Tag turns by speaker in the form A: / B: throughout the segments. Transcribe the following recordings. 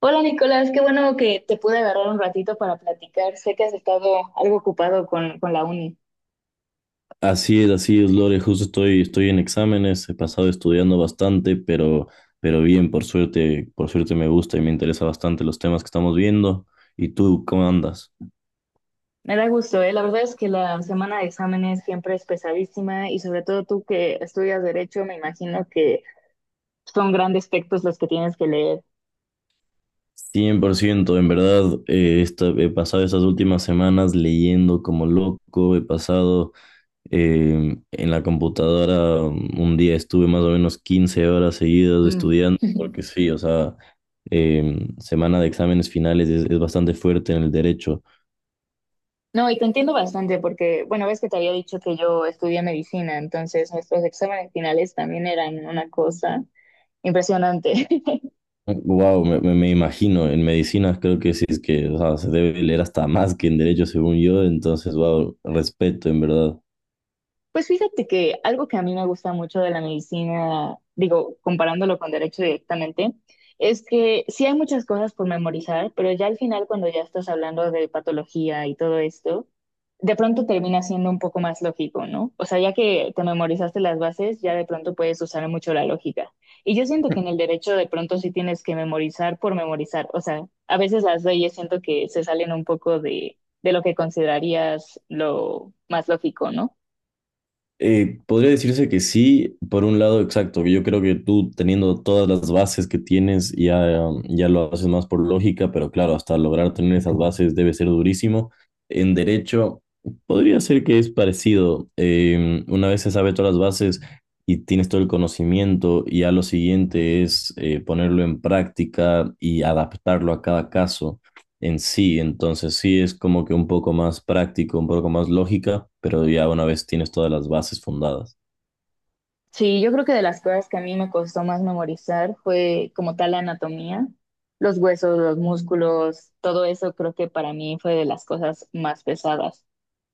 A: Hola Nicolás, qué bueno que te pude agarrar un ratito para platicar. Sé que has estado algo ocupado con la uni.
B: Así es, Lore. Justo estoy en exámenes, he pasado estudiando bastante, pero bien, por suerte me gusta y me interesa bastante los temas que estamos viendo. ¿Y tú, cómo andas?
A: Me da gusto, ¿eh? La verdad es que la semana de exámenes siempre es pesadísima y sobre todo tú que estudias derecho, me imagino que son grandes textos los que tienes que leer.
B: 100%, en verdad, he pasado estas últimas semanas leyendo como loco, he pasado en la computadora, un día estuve más o menos 15 horas seguidas
A: Mm.
B: estudiando, porque sí, o sea, semana de exámenes finales es bastante fuerte en el derecho.
A: No, y te entiendo bastante porque, bueno, ves que te había dicho que yo estudié medicina, entonces nuestros exámenes finales también eran una cosa impresionante.
B: Wow, me imagino, en medicinas creo que sí es que, o sea, se debe leer hasta más que en derecho según yo, entonces, wow, respeto en verdad.
A: Pues fíjate que algo que a mí me gusta mucho de la medicina, digo, comparándolo con derecho directamente, es que sí hay muchas cosas por memorizar, pero ya al final cuando ya estás hablando de patología y todo esto, de pronto termina siendo un poco más lógico, ¿no? O sea, ya que te memorizaste las bases, ya de pronto puedes usar mucho la lógica. Y yo siento que en el derecho de pronto sí tienes que memorizar por memorizar. O sea, a veces las leyes siento que se salen un poco de lo que considerarías lo más lógico, ¿no?
B: Podría decirse que sí, por un lado, exacto. Yo creo que tú teniendo todas las bases que tienes ya, ya lo haces más por lógica, pero claro, hasta lograr tener esas bases debe ser durísimo. En derecho, podría ser que es parecido. Una vez se sabe todas las bases y tienes todo el conocimiento, y ya lo siguiente es ponerlo en práctica y adaptarlo a cada caso en sí. Entonces sí es como que un poco más práctico, un poco más lógica, pero ya una vez tienes todas las bases fundadas.
A: Sí, yo creo que de las cosas que a mí me costó más memorizar fue como tal la anatomía, los huesos, los músculos, todo eso creo que para mí fue de las cosas más pesadas.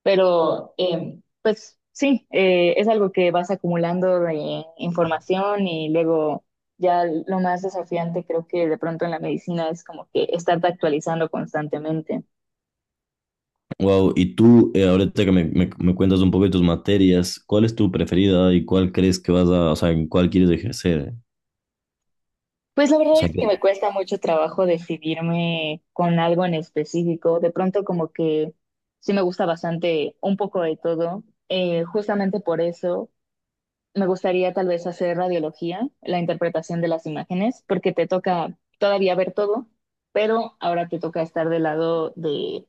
A: Pero pues sí, es algo que vas acumulando de información y luego ya lo más desafiante creo que de pronto en la medicina es como que estarte actualizando constantemente.
B: Wow, y tú, ahorita que me cuentas un poco de tus materias, ¿cuál es tu preferida y cuál crees que vas a, o sea, en cuál quieres ejercer?
A: Pues la
B: O
A: verdad
B: sea,
A: es que
B: que-
A: me cuesta mucho trabajo decidirme con algo en específico. De pronto como que sí me gusta bastante un poco de todo. Justamente por eso me gustaría tal vez hacer radiología, la interpretación de las imágenes, porque te toca todavía ver todo, pero ahora te toca estar del lado de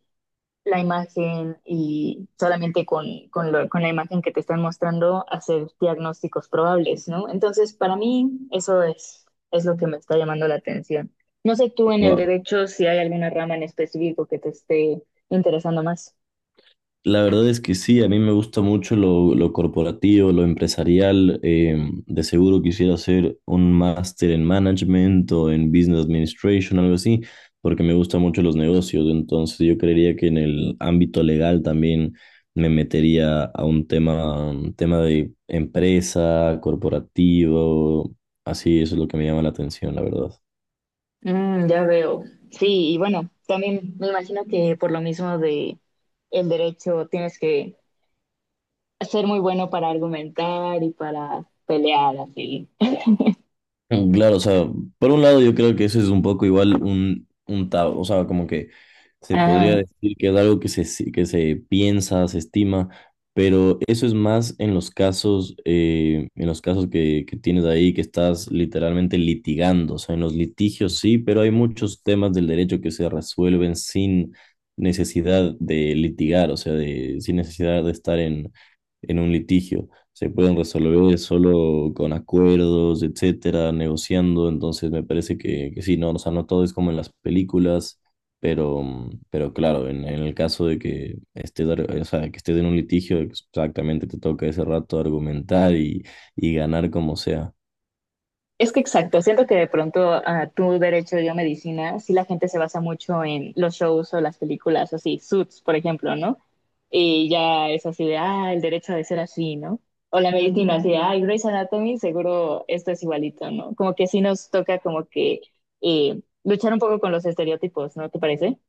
A: la imagen y solamente con la imagen que te están mostrando hacer diagnósticos probables, ¿no? Entonces, para mí, es lo que me está llamando la atención. No sé tú en el derecho si hay alguna rama en específico que te esté interesando más.
B: la verdad es que sí, a mí me gusta mucho lo corporativo, lo empresarial. Eh, de seguro quisiera hacer un máster en management o en business administration, algo así, porque me gustan mucho los negocios. Entonces yo creería que en el ámbito legal también me metería a un tema de empresa, corporativo. Así, eso es lo que me llama la atención, la verdad.
A: Mm, ya veo. Sí, y bueno, también me imagino que por lo mismo de el derecho tienes que ser muy bueno para argumentar y para pelear, así.
B: Mm, claro, o sea, por un lado yo creo que eso es un poco igual un tabú, o sea, como que se podría
A: Ah.
B: decir que es algo que se, si- que se piensa, se estima, pero eso es más en los casos que tienes ahí, que estás literalmente litigando, o sea, en los litigios sí, pero hay muchos temas del derecho que se resuelven sin necesidad de litigar, o sea, de, sin necesidad de estar en un litigio se pueden resolver solo con acuerdos, etcétera, negociando. Entonces me parece que sí, no, o sea, no todo es como en las películas, pero, mm, pero claro, en el caso de que estés, o sea, que estés en un litigio, exactamente te toca ese rato argumentar y ganar como sea.
A: Es que exacto, siento que de pronto a tu derecho yo medicina, sí la gente se basa mucho en los shows o las películas, así, Suits, por ejemplo, ¿no? Y ya es así de, ah, el derecho ha de ser así, ¿no? O la medicina así de, ah, Grey's Anatomy, seguro esto es igualito, ¿no? Como que sí nos toca como que luchar un poco con los estereotipos, ¿no te parece?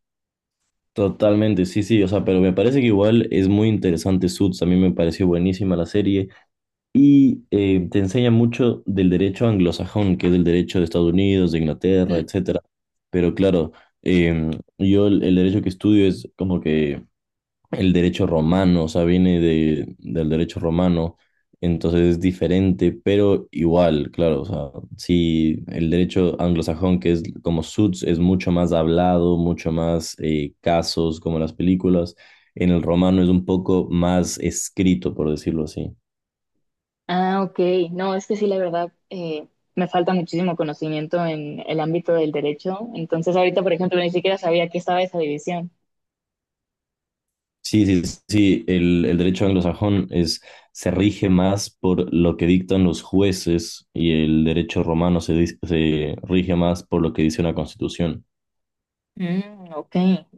B: Totalmente, sí, sí, o sea, pero me parece que igual es muy interesante Suits, a mí me pareció buenísima la serie. Y te enseña mucho del derecho anglosajón, que es el derecho de Estados Unidos, de Inglaterra,
A: Mm.
B: etcétera. Pero claro, em, yo el derecho que estudio es como que el derecho romano, o sea, viene de, del derecho romano, entonces es diferente, pero igual, claro, o sea, sí, el derecho anglosajón, que es como Suits, es mucho más hablado, mucho más casos, como las películas. En el romano es un poco más escrito, por decirlo así.
A: Ah, ok. No, es que sí, la verdad, me falta muchísimo conocimiento en el ámbito del derecho. Entonces ahorita, por ejemplo, ni siquiera sabía que estaba esa división.
B: Sí, sí, sí, el derecho anglosajón es, se rige más por lo que dictan los jueces y el derecho romano se rige más por lo que dice una constitución.
A: Mm, ok.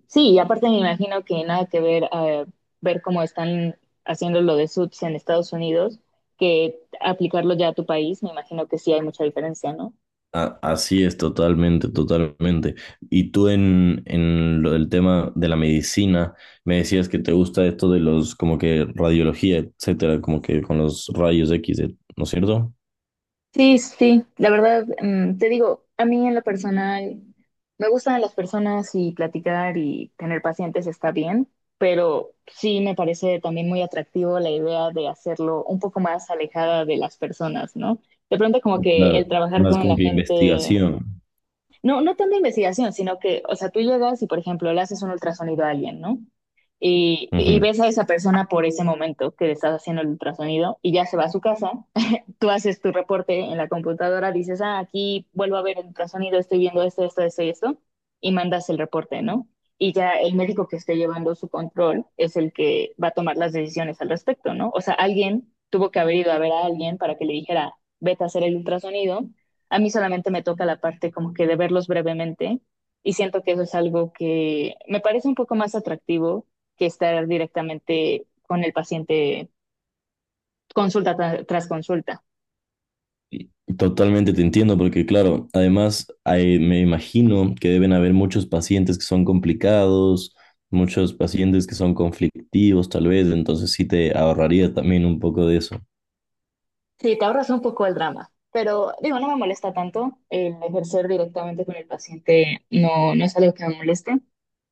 A: Sí, y aparte me imagino que nada que ver ver cómo están haciendo lo de Suits en Estados Unidos que aplicarlo ya a tu país, me imagino que sí hay mucha diferencia, ¿no?
B: Así es, totalmente, totalmente. Y tú en lo del tema de la medicina, me decías que te gusta esto de los, como que radiología, etcétera, como que con los rayos X, ¿no es cierto?
A: Sí, sí, la verdad, mm, te digo, a mí en lo personal me gustan las personas y platicar y tener pacientes está bien, pero sí me parece también muy atractivo la idea de hacerlo un poco más alejada de las personas, ¿no? De pronto como que
B: Claro,
A: el trabajar
B: más
A: con
B: como
A: la
B: que
A: gente.
B: investigación.
A: No, no tanto investigación, sino que, o sea, tú llegas y, por ejemplo, le haces un ultrasonido a alguien, ¿no? Y ves a esa persona por ese momento que le estás haciendo el ultrasonido y ya se va a su casa. Tú haces tu reporte en la computadora, dices, ah, aquí vuelvo a ver el ultrasonido, estoy viendo esto, esto, esto y esto, y mandas el reporte, ¿no? Y ya el médico que esté llevando su control es el que va a tomar las decisiones al respecto, ¿no? O sea, alguien tuvo que haber ido a ver a alguien para que le dijera, vete a hacer el ultrasonido. A mí solamente me toca la parte como que de verlos brevemente y siento que eso es algo que me parece un poco más atractivo que estar directamente con el paciente consulta tras consulta.
B: Totalmente te entiendo, porque claro, además hay- me imagino que deben haber muchos pacientes que son complicados, muchos pacientes que son conflictivos tal vez, entonces sí te ahorraría también un poco de eso.
A: Sí, te ahorras un poco el drama, pero digo, no me molesta tanto el ejercer directamente con el paciente, no, no es algo que me moleste,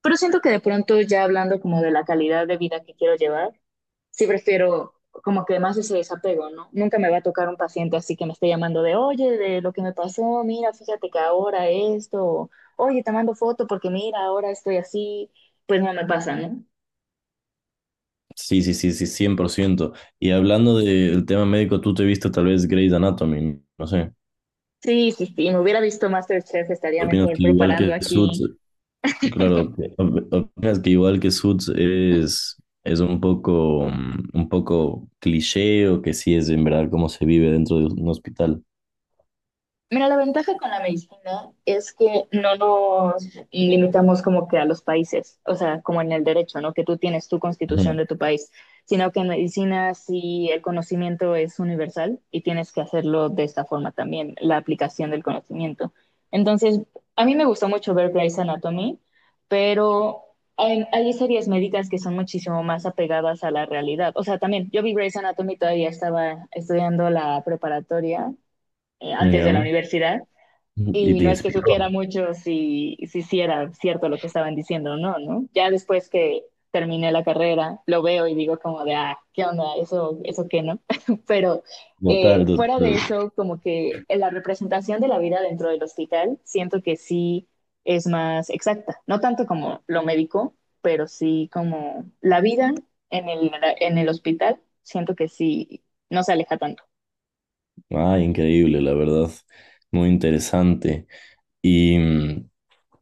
A: pero siento que de pronto ya hablando como de la calidad de vida que quiero llevar, sí prefiero como que más ese desapego, ¿no? Nunca me va a tocar un paciente así que me esté llamando de, oye, de lo que me pasó, mira, fíjate que ahora esto, o, oye, te mando foto porque mira, ahora estoy así, pues no me pasa, ¿no?
B: Sí, sí, sí, sí, cien por ciento. Y hablando del tema médico, tú te viste tal vez Grey's Anatomy, no sé.
A: Sí, sí, sí, me hubiera visto MasterChef, estaría
B: ¿Opinas
A: mejor
B: que igual
A: preparando
B: que Suits,
A: aquí.
B: claro, opinas que igual que Suits es un poco, mm, un poco cliché o que sí es en verdad cómo se vive dentro de un hospital?
A: Mira, la ventaja con la medicina es que no nos limitamos como que a los países, o sea, como en el derecho, ¿no? Que tú tienes tu
B: Ujú,
A: constitución de tu país, sino que en medicina sí el conocimiento es universal y tienes que hacerlo de esta forma también, la aplicación del conocimiento. Entonces, a mí me gustó mucho ver Grey's Anatomy, pero hay series médicas que son muchísimo más apegadas a la realidad. O sea, también yo vi Grey's Anatomy, todavía estaba estudiando la preparatoria antes de la
B: ya.
A: universidad
B: Y
A: y
B: te
A: no es que
B: inspiró.
A: supiera mucho si era cierto lo que estaban diciendo o no, ¿no? Ya después que terminé la carrera, lo veo y digo como de, ah, ¿qué onda? Eso qué, ¿no? Pero
B: Total,
A: fuera
B: total.
A: de eso, como que la representación de la vida dentro del hospital, siento que sí es más exacta, no tanto como lo médico, pero sí como la vida en en el hospital, siento que sí no se aleja tanto.
B: Ay, increíble, la verdad. Muy interesante. Y mm,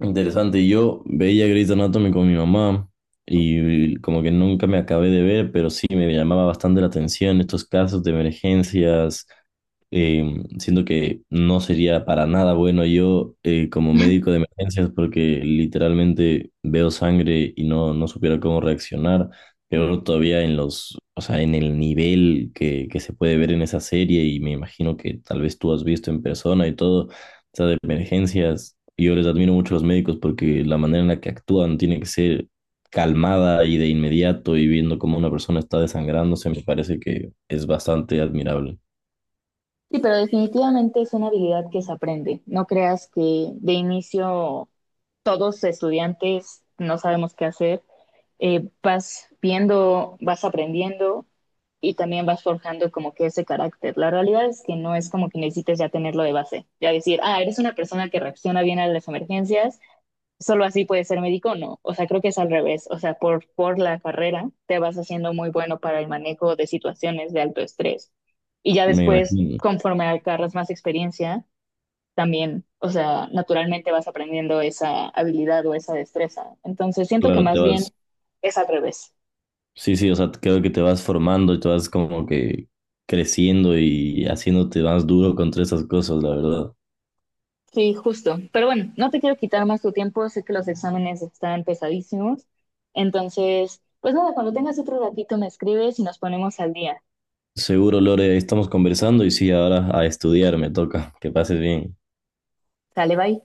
B: interesante, yo veía Grey's Anatomy con mi mamá y como que nunca me acabé de ver, pero sí me llamaba bastante la atención estos casos de emergencias. Eh, siento que no sería para nada bueno yo como médico de emergencias porque literalmente veo sangre y no supiera cómo reaccionar. Pero todavía en los, o sea, en el nivel que se puede ver en esa serie y me imagino que tal vez tú has visto en persona y todo, o sea, de emergencias. Y yo les admiro mucho a los médicos porque la manera en la que actúan tiene que ser calmada y de inmediato y viendo cómo una persona está desangrándose, me parece que es bastante admirable.
A: Sí, pero definitivamente es una habilidad que se aprende. No creas que de inicio todos estudiantes no sabemos qué hacer. Vas viendo, vas aprendiendo y también vas forjando como que ese carácter. La realidad es que no es como que necesites ya tenerlo de base. Ya decir, ah, eres una persona que reacciona bien a las emergencias solo así puedes ser médico, no. O sea, creo que es al revés. O sea, por la carrera te vas haciendo muy bueno para el manejo de situaciones de alto estrés. Y ya
B: Me
A: después,
B: imagino,
A: conforme agarras más experiencia, también, o sea, naturalmente vas aprendiendo esa habilidad o esa destreza. Entonces, siento que
B: claro, te
A: más
B: vas,
A: bien es al revés.
B: sí, sí, o sea, creo que te vas formando y te vas como que creciendo y haciéndote más duro contra esas cosas, la verdad.
A: Sí, justo. Pero bueno, no te quiero quitar más tu tiempo. Sé que los exámenes están pesadísimos. Entonces, pues nada, cuando tengas otro ratito me escribes y nos ponemos al día.
B: Seguro, Lore, estamos conversando y sí, ahora a estudiar me toca. Que pases bien.
A: Sale, bye.